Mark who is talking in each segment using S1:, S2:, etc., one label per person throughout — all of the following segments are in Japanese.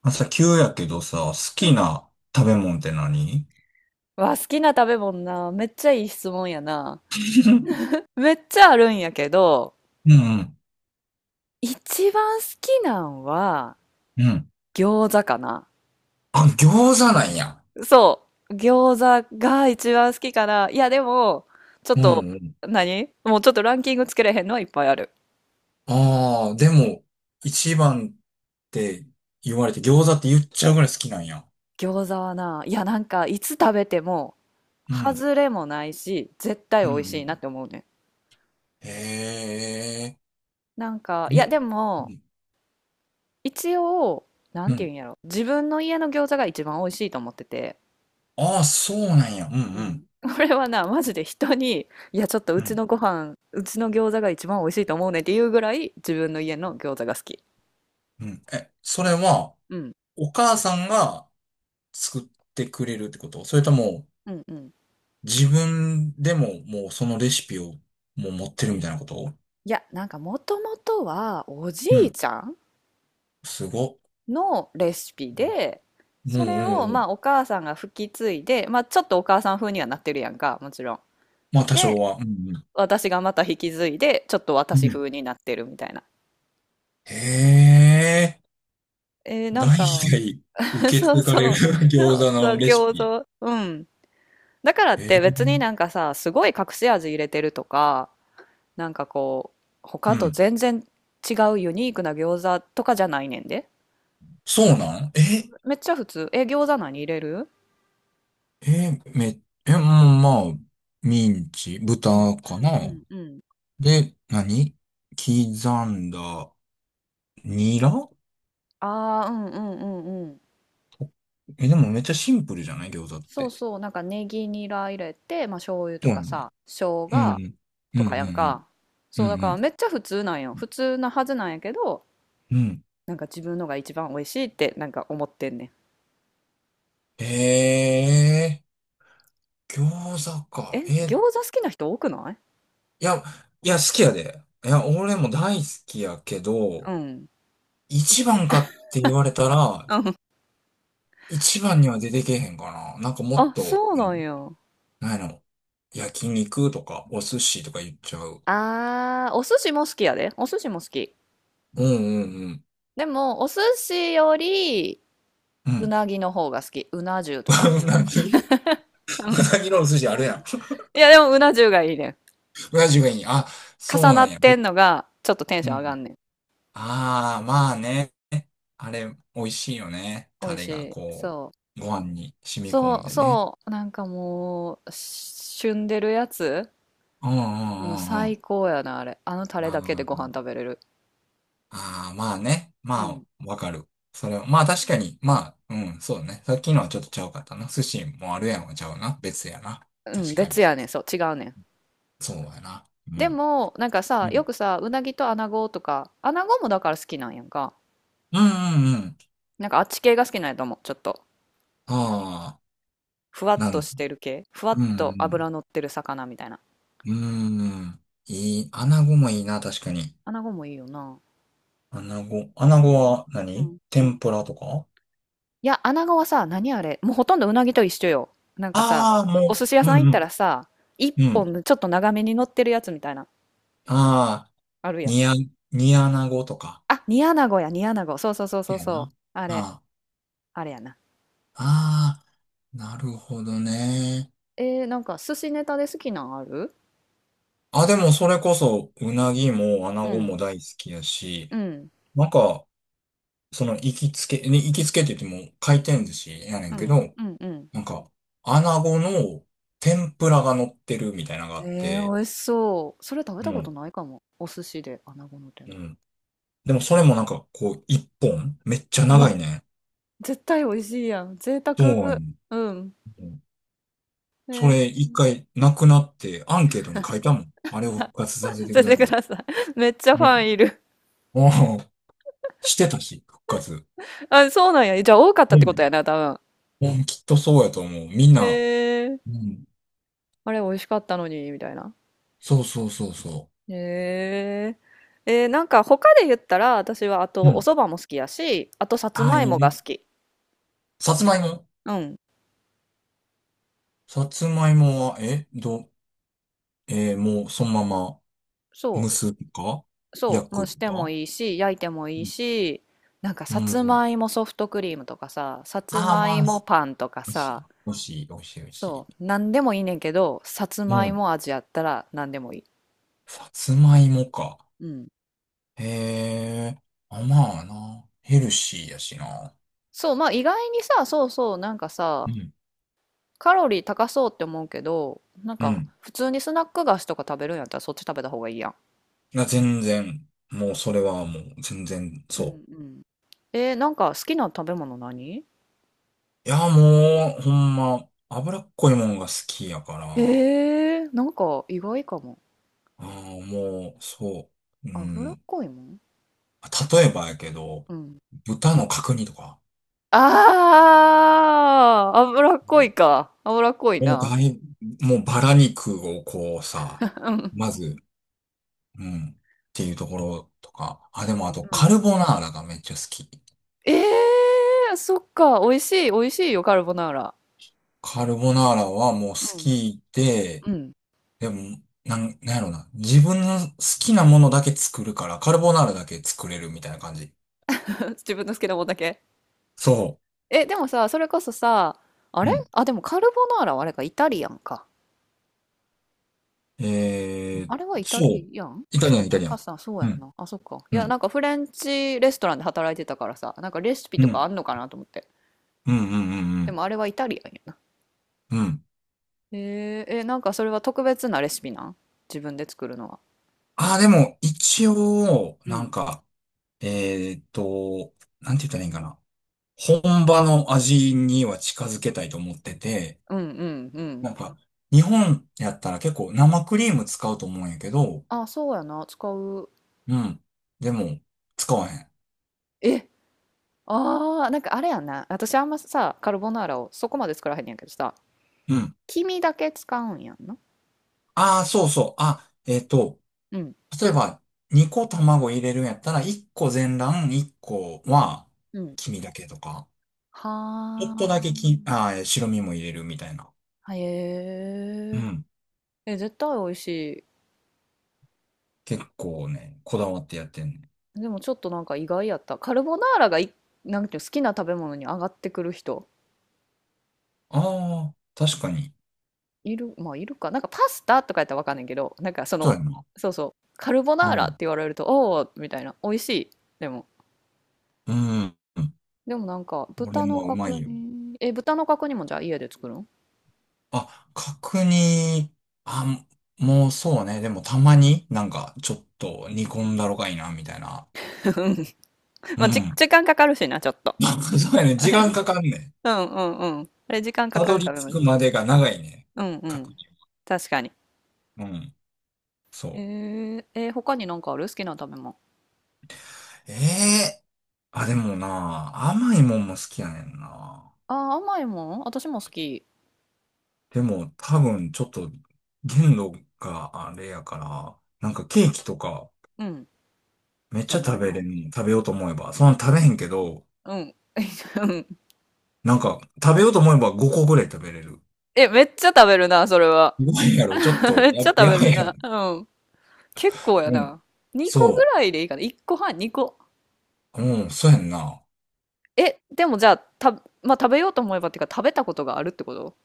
S1: 朝急やけどさ、好
S2: う
S1: き
S2: ん。
S1: な食べ物って何？
S2: わ、好きな食べ物な。めっちゃいい質問やな。めっちゃあるんやけど、
S1: うんうん、
S2: 一番好きなんは
S1: うん。
S2: 餃子かな。
S1: あ、餃子なんや。
S2: そう。餃子が一番好きかな。いや、でも、ちょっ
S1: う
S2: と、
S1: んうん。
S2: 何もうちょっとランキングつけれへんのはいっぱいある。
S1: ああ、でも、一番って言われて餃子って言っちゃうぐらい好きなんや。
S2: 餃子はな、いや、なんか、いつ食べても、
S1: うん、
S2: 外れもないし、絶対
S1: うん、
S2: 美
S1: う
S2: 味しいな
S1: ん。
S2: って思うね。
S1: へえ、
S2: なんか、いや、
S1: え、
S2: で
S1: う
S2: も、
S1: ん、
S2: 一応、な
S1: う
S2: んて言
S1: ん。
S2: うんやろ。自分の家の餃子が一番美味しいと思ってて。
S1: ああ、そうなんや。うん、
S2: う
S1: うん、
S2: ん。これはな、マジで人に、いや、ちょっとう
S1: う
S2: ち
S1: ん、
S2: のご飯、うちの餃子が一番美味しいと思うねっていうぐらい、自分の家の餃子が好き。
S1: うん。え、それは、
S2: うん。
S1: お母さんが作ってくれるってこと、それとも、
S2: うんうん。
S1: 自分でももうそのレシピをもう持ってるみたいなこと？
S2: いや、なんかもともとは、おじ
S1: う
S2: い
S1: ん。
S2: ちゃん
S1: すごっ。
S2: のレシピで、
S1: うんう
S2: それを、
S1: んう
S2: ま
S1: ん。
S2: あ、お母さんが吹き継いで、まあ、ちょっとお母さん風にはなってるやんか、もちろん。
S1: まあ多少
S2: で、
S1: は。うんう
S2: 私がまた引き継いで、ちょっと
S1: ん。
S2: 私
S1: うん。
S2: 風になってるみたいな。
S1: へえ。
S2: えー、な
S1: 代
S2: んか、
S1: 々 受け
S2: そう
S1: 継がれ
S2: そ
S1: る
S2: う。そ
S1: 餃
S2: う、
S1: 子
S2: そう
S1: のレシ
S2: 餃
S1: ピ。
S2: 子。うん。だからっ
S1: え
S2: て別になん
S1: え。
S2: かさ、すごい隠し味入れてるとか、なんかこう、
S1: う
S2: 他と
S1: ん。
S2: 全然違うユニークな餃子とかじゃないねんで。
S1: そうなん？え
S2: めっちゃ普通。え、餃子何入れる？
S1: え、うん、まあ、ミンチ、
S2: うん
S1: 豚かな。
S2: うんうんうん。
S1: で、何、刻んだ、ニラ。
S2: ああ、うんうんうんうん。
S1: え、でもめっちゃシンプルじゃない？餃子っ
S2: そう
S1: て。
S2: そう、なんかネギニラ入れて、まあ醤油と
S1: そうや
S2: か
S1: んな。
S2: さ、生
S1: うん。う
S2: 姜
S1: んうんう
S2: とかやん
S1: ん。
S2: か。
S1: う
S2: そう、だ
S1: ん
S2: か
S1: う
S2: ら
S1: ん。
S2: めっちゃ普通なんよ。普通なはずなんやけど、
S1: うん。
S2: なんか自分のが一番美味しいってなんか思ってんねん。
S1: ええー、餃子か。
S2: え、餃子好きな人多くない？
S1: いや、いや、好きやで。いや、俺も大好きやけ
S2: う
S1: ど、
S2: ん。い
S1: 一番
S2: うん。
S1: かって言われたら、一番には出てけへんかな。なんかもっ
S2: あ、
S1: と、
S2: そう
S1: う
S2: なん
S1: ん、
S2: や。
S1: なんやろ。焼肉とか、お寿司とか言っちゃう。
S2: あー、お寿司も好きやで。お寿司も好き。
S1: うんうんうん。
S2: でも、お寿司より、
S1: う
S2: う
S1: ん。
S2: なぎの方が好き。うな重とか。
S1: うなぎ、
S2: うん。
S1: うなぎのお寿司あるやん。
S2: いや、でも、うな重がいいねん。
S1: うな重がいい。あ、そう
S2: 重
S1: な
S2: な
S1: ん
S2: っ
S1: や。
S2: て
S1: え、
S2: んのが、ちょっとテンシ
S1: う
S2: ョン上が
S1: ん。
S2: んねん。
S1: ああ、まあね。あれ、美味しいよね。
S2: 美
S1: タ
S2: 味し
S1: レが
S2: い。
S1: こ
S2: そ
S1: う、ご飯に
S2: う。
S1: 染み込ん
S2: そう、
S1: でね。
S2: そう。なんかもう、旬でるやつ
S1: うんう
S2: もう
S1: んうんう
S2: 最
S1: ん。
S2: 高やな、あれ。あのタレ
S1: あ
S2: だけでご飯
S1: ー
S2: 食べれる。
S1: まあね。
S2: う
S1: ま
S2: ん。
S1: あ、わかる。それは、まあ確かに、まあ、うん、そうだね。さっきのはちょっとちゃうかったな。寿司もあるやんはちゃうな。別やな。
S2: うん、
S1: 確かに。
S2: 別やねん。そう、違うねん。
S1: そうやな。う
S2: で
S1: ん。
S2: も、なんか
S1: う
S2: さ、よ
S1: ん。
S2: くさ、うなぎとアナゴとか、アナゴもだから好きなんやんか。
S1: うんうんうん。
S2: なんかあっち系が好きなんやと思う。ちょっと。何
S1: ああ、
S2: ふわっ
S1: な
S2: と
S1: ん、
S2: してる系。ふわっ
S1: う
S2: と脂
S1: ん
S2: 乗ってる魚みたいな。
S1: うん。うん。いい。穴子もいいな、確かに。
S2: 穴子もいいよな。
S1: アナゴ。アナ
S2: え
S1: ゴ
S2: ー
S1: は
S2: う
S1: 何、
S2: んうん。
S1: 天ぷらとか？
S2: いや、穴子はさ、何あれ、もうほとんどうなぎと一緒よ。なんかさ、
S1: ああー、
S2: お
S1: も
S2: 寿司屋
S1: う、
S2: さん
S1: う
S2: 行
S1: ん
S2: っ
S1: う
S2: た
S1: ん、
S2: らさ、一
S1: うん。
S2: 本のちょっと長めに乗ってるやつみたいな、
S1: ああ、
S2: あるやん。
S1: 煮あ、煮アナゴとか。
S2: あ、煮穴子や、煮穴子。そうそうそう
S1: い
S2: そう
S1: や
S2: そ
S1: な。
S2: う。あれ、
S1: あ
S2: あれやな。
S1: あ、ああ、なるほどね。
S2: なんか寿司ネタで好きなんある？
S1: あ、でもそれこそ、うなぎもア
S2: う
S1: ナゴ
S2: ん、
S1: も大好きやし、
S2: うん、
S1: なんか、その行きつけ、ね行きつけって言っても回転寿司やね
S2: う
S1: んけ
S2: ん、
S1: ど、
S2: うん、うん。
S1: なんか、アナゴの天ぷらが乗ってるみたいなのがあっ
S2: ええ、
S1: て、
S2: 美味しそう。それ食べ
S1: う
S2: たこと
S1: ん。
S2: ないかも。お寿司で穴子の天
S1: う
S2: ぷら。
S1: ん。でもそれもなんかこう、一本めっちゃ
S2: う
S1: 長
S2: わ、
S1: いね。
S2: 絶対美味しいやん。贅
S1: そう
S2: 沢。
S1: やねん。
S2: うん。え
S1: それ
S2: え。
S1: 一回なくなってアンケートに書いたもん。あれを復活させ て
S2: 教
S1: く
S2: え
S1: だ
S2: てく
S1: さい。
S2: ださい。めっちゃフ
S1: ね。
S2: ァンいる。
S1: もう、してたし、復活。
S2: あ、そうなんや。じゃあ多かったっ
S1: う
S2: てこと
S1: ん。
S2: やな、多分。
S1: うんきっとそうやと思う。みん
S2: え
S1: な、
S2: え。
S1: うん。
S2: あれ美味しかったのに、みたいな。
S1: そうそうそうそ
S2: ええ。なんか他で言ったら、私はあ
S1: う。う
S2: とお
S1: ん。
S2: 蕎麦も好きやし、あとさつ
S1: ああ、
S2: ま
S1: い
S2: い
S1: い
S2: もが
S1: ね。
S2: 好き。
S1: さつまいも。
S2: うん。
S1: さつまいもは、えー、もうそのまま
S2: そ
S1: 蒸
S2: う。
S1: すとか
S2: そ
S1: 焼
S2: う、蒸
S1: く
S2: しても
S1: とか。
S2: いいし、焼いてもいいし、なんか
S1: う
S2: さつ
S1: ん。
S2: まいもソフトクリームとかさ、さつ
S1: ああ、
S2: まい
S1: まあ、
S2: もパンとか
S1: 美味しい、
S2: さ、
S1: 美味しい、美味しい。
S2: そう、なんでもいいねんけど、さつ
S1: う
S2: まい
S1: ん。
S2: も味やったらなんでもいい。
S1: さつまいもか。
S2: うん。
S1: へえ。あ、まあな。ヘルシーやしな。
S2: そう、まあ意外にさ、そうそう、なんかさ、
S1: うん。
S2: カロリー高そうって思うけど、なん
S1: う
S2: か
S1: ん。
S2: 普通にスナック菓子とか食べるんやったらそっち食べた方がいいやん。
S1: な、全然。もうそれはもう全然
S2: うん
S1: そ
S2: うん。なんか好きな食べ物何？
S1: う。いや、もう、ほんま、脂っこいもんが好きやから。
S2: へえ、なんか意外かも。
S1: あーもう、そう。う
S2: 脂っ
S1: ん。
S2: こいもん。
S1: 例えばやけど、
S2: うん。
S1: 豚の角煮とか。
S2: ああ、脂っ
S1: う
S2: こ
S1: ん、
S2: いか。脂っこい
S1: もう
S2: な。
S1: だいもうバラ肉をこうさ、
S2: うん。
S1: まず、うん。っていうところとか。あ、でもあと
S2: うん。
S1: カルボナーラがめっちゃ好き。
S2: ええ、そっか。美味しい、美味しいよ、カルボナーラ。
S1: カルボナーラはもう好
S2: うん。
S1: きで、
S2: うん。
S1: でも、なんやろな。自分の好きなものだけ作るから、カルボナーラだけ作れるみたいな感じ。
S2: 自分の好きなもんだけ。
S1: そ
S2: え、でもさ、それこそさ、あ
S1: う。
S2: れ
S1: うん。
S2: あ、でもカルボナーラはあれか、イタリアンか。
S1: えー、
S2: あれはイタ
S1: そ
S2: リ
S1: う。
S2: アン
S1: イタ
S2: そ
S1: リ
S2: う
S1: ア
S2: や
S1: ン、イタ
S2: な。
S1: リア
S2: パ
S1: ン。
S2: スタ、そうや
S1: う
S2: ん
S1: ん、
S2: な。あ、そっか。い
S1: う
S2: や、
S1: ん、
S2: なんかフレンチレストランで働いてたからさ、なんかレシピ
S1: う
S2: と
S1: ん、う
S2: か
S1: ん、
S2: あんのかなと思って。
S1: うん、う
S2: で
S1: ん。
S2: もあれはイタリアンやな。
S1: うん。
S2: え、なんかそれは特別なレシピなん？自分で作るのは。
S1: ああー、でも、一応、
S2: う
S1: なん
S2: ん
S1: か、えーっと、なんて言ったらいいんかな。本場の味には近づけたいと思ってて、
S2: うんうんうん。
S1: なんか、日本やったら結構生クリーム使うと思うんやけど、
S2: あ、そうやな、使う。
S1: うん。でも、使わへん。
S2: え、ああ、なんかあれやんな。私あんまさ、カルボナーラをそこまで作らへんやけどさ、
S1: うん。
S2: 黄身だけ使うんやんな。
S1: ああ、そうそう。あ、
S2: うん、
S1: 例えば、2個卵入れるんやったら、1個全卵、1個は
S2: うん。
S1: 黄身だけとか、ちょっとだけき、
S2: は
S1: あー、白身も入れるみたいな。
S2: あ、へ
S1: う
S2: え。
S1: ん。
S2: え、絶対美味し
S1: 結構ね、こだわってやってんね。
S2: い。でもちょっとなんか意外やった。カルボナーラがい、なんていうの好きな食べ物に上がってくる人、
S1: ああ、確かに。
S2: いる、まあいるか。なんかパスタとかやったらわかんないけど、なんかそ
S1: そう
S2: の、
S1: やな。
S2: そうそう、カルボ
S1: う
S2: ナーラって
S1: ん。
S2: 言われると、おお、みたいな、美味しい。でも
S1: うん。うん、
S2: でもなんか
S1: 俺
S2: 豚の
S1: もうま
S2: 角
S1: いよ。
S2: 煮、え、豚の角煮もじゃあ家で作るん？
S1: あ、角煮、あ、もうそうね。でもたまになんかちょっと煮
S2: う
S1: 込ん
S2: ん。
S1: だろがいいな、みたいな。う
S2: まあ、じ、
S1: ん。
S2: 時間かかるしな、ちょっと。
S1: なんか そうやね。時間 かかんねん。
S2: うんうんうん。あれ時間か
S1: た
S2: か
S1: ど
S2: る
S1: り
S2: 食べ物
S1: 着
S2: で
S1: く
S2: す。
S1: までが長いね。
S2: うんう
S1: 確
S2: ん。
S1: 実。
S2: 確かに。
S1: うん。そう。
S2: 他になんかある好きな食べ物。
S1: ええ、あ、でもな、甘いもんも好きやねんな。
S2: あー、甘いもん私も好き。
S1: でも多分ちょっと限度があれやから、なんかケーキとか
S2: うん。
S1: めっ
S2: じ
S1: ち
S2: ゃ
S1: ゃ
S2: な
S1: 食
S2: い
S1: べれ
S2: の？
S1: ん？食べようと思えば。そんな食べへんけど、
S2: うん。うん。
S1: なんか食べようと思えば5個ぐらい食べれる。
S2: え、めっちゃ食べるな、それは。
S1: すごいやろ。ちょっ と
S2: めっちゃ食
S1: や、
S2: べ
S1: やばい
S2: る
S1: やろ。
S2: な。うん。結構や
S1: うん。
S2: な。2個ぐ
S1: そ
S2: らいでいいかな。1個半、2個。
S1: う。うん、そうやんな。
S2: え、でもじゃあ、た、まあ、食べようと思えばっていうか、食べたことがあるってこと？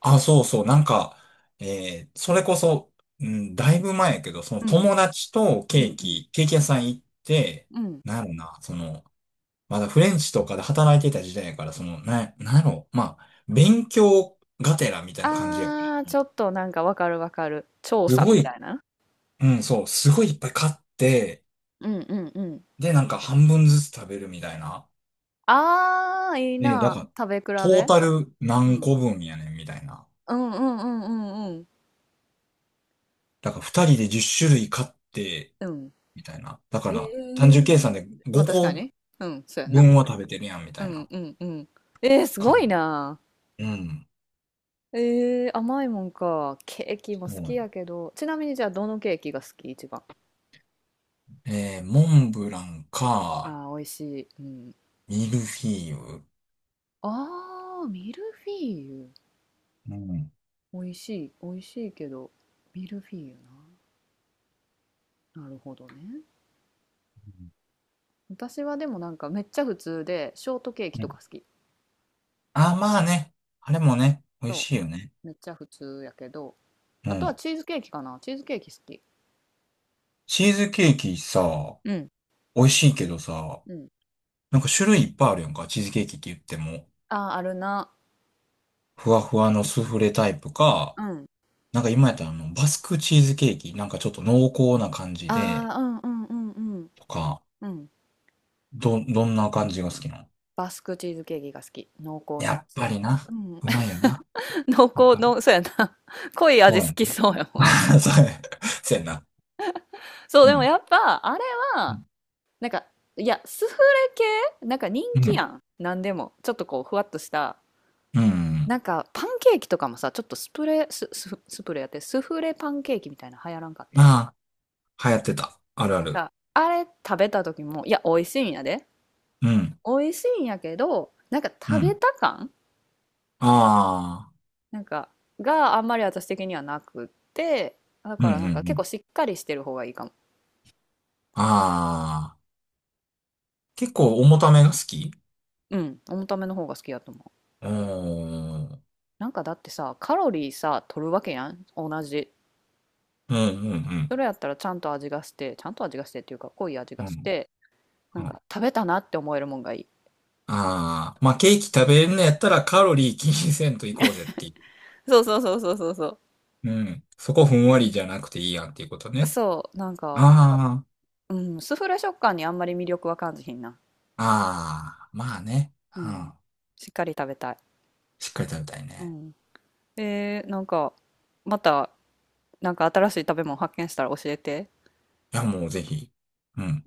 S1: あ、そうそう、なんか、それこそ、うん、だいぶ前やけど、その
S2: うん、
S1: 友達と
S2: う
S1: ケ
S2: ん、
S1: ー
S2: うん、
S1: キ、ケーキ屋さん行って、
S2: うん。
S1: なんやろな、その、まだフレンチとかで働いてた時代やから、その、なんやろ、まあ、勉強がてらみたいな感じやから。
S2: あー、ちょっとなんかわかるわかる。調
S1: す
S2: 査
S1: ご
S2: みた
S1: い、
S2: いな。
S1: うん、そう、すごいいっぱい買って、
S2: うんうんうん。
S1: で、なんか半分ずつ食べるみたいな。
S2: あー、いい
S1: で、だ
S2: な。
S1: から、
S2: 食べ比
S1: トー
S2: べ。
S1: タル
S2: う
S1: 何
S2: ん。
S1: 個分やねんみたいな。
S2: うんうんうんうんうん。
S1: だから二人で10種類買って、
S2: うん。
S1: みたいな。だか
S2: え
S1: ら、単
S2: え、
S1: 純計算で
S2: まあ確か
S1: 5
S2: に。うん、そうや
S1: 個
S2: な。
S1: 分は食べてるやん、み
S2: う
S1: たい
S2: ん
S1: な
S2: うんうん。す
S1: 感
S2: ごい
S1: じ。
S2: な。
S1: うん。
S2: 甘いもんか。ケーキ
S1: そ
S2: も好
S1: うや
S2: き
S1: ね、
S2: やけど。ちなみにじゃあ、どのケーキが好き一番。
S1: モンブランか、
S2: ああ、美味しい。うん。
S1: ミルフィーユ。
S2: ああ、ミルフィーユ。
S1: うん。
S2: 美味しい、美味しいけど、ミルフィーユな。なるほどね。私はでもなんかめっちゃ普通で、ショートケーキ
S1: う
S2: と
S1: ん、
S2: か好き。
S1: あ、まあね。あれもね、美味
S2: そ
S1: しいよね。
S2: う、めっちゃ普通やけど、
S1: う
S2: あとは
S1: ん。
S2: チーズケーキかな。チーズケーキ好き。
S1: チーズケーキさ、
S2: うん。
S1: 美味しいけどさ、
S2: うん。
S1: なんか種類いっぱいあるやんか、チーズケーキって言っても。
S2: ああ、あるな。
S1: ふわふわのスフレタイプか、
S2: うん。
S1: なんか今やったらあの、バスクチーズケーキ、なんかちょっと濃厚な感じ
S2: あ
S1: で、
S2: あ、うんうんうんうん。
S1: とか、
S2: うん。
S1: どんな感じが好きなの？
S2: バスクチーズケーキが好き。濃厚な
S1: や
S2: や
S1: っ
S2: つ。
S1: ぱりな。
S2: うん。
S1: うまいよな。
S2: 濃
S1: わ
S2: 厚
S1: かる。
S2: の、そうやな。濃い
S1: そ
S2: 味
S1: う
S2: 好
S1: や
S2: きそうやもん。
S1: な。そうや。そうやな。
S2: そう、
S1: う
S2: でも
S1: ん。
S2: やっぱ、あれ
S1: う
S2: は、
S1: ん。
S2: なんか、いや、スフレ系なんか人
S1: う
S2: 気や
S1: ん。
S2: ん。なんでも。ちょっとこう、ふわっとした。
S1: うん、
S2: なんか、パンケーキとかもさ、ちょっとスプレー、ス、ススプレーやって、スフレパンケーキみたいなの流行らんかった。
S1: まあ、流行ってた。あるあ
S2: なん
S1: る。
S2: か、あれ食べた時も、いや、美味しいんやで。
S1: うん。
S2: 美味しいんやけど、なんか
S1: う
S2: 食べ
S1: ん。
S2: た感、
S1: ああ。
S2: なんか、があんまり私的にはなくって、だ
S1: うん
S2: か
S1: うん
S2: らな
S1: う
S2: んか結
S1: ん。
S2: 構しっかりしてる方がいいかも。
S1: ああ。結構重ためが好き？
S2: うん、重ための方が好きやと思う。
S1: うーん。うん
S2: なんかだってさ、カロリーさ、取るわけやん。同じ
S1: うん
S2: それやったらちゃんと味がして、ちゃんと味がしてっていうか、濃い味
S1: う
S2: が
S1: ん。う
S2: し
S1: ん。
S2: て、なんか食べたなって思えるもんがいい。
S1: ああー。まあ、ケーキ食べれんのやったらカロリー気にせんといこうぜってい
S2: そうそうそうそうそうそ
S1: う。うん。そこふんわりじゃなくていいやんっていうこと
S2: う。
S1: ね。
S2: そう、なんか、
S1: ああ。
S2: うん、スフレ食感にあんまり魅力は感じひんな。
S1: ああ、まあね。
S2: う
S1: う
S2: ん。
S1: ん。
S2: しっかり食べたい。
S1: しっかり食べたい
S2: う
S1: ね。
S2: ん。えー、なんか、また、なんか新しい食べ物発見したら教えて。
S1: いや、もうぜひ。うん。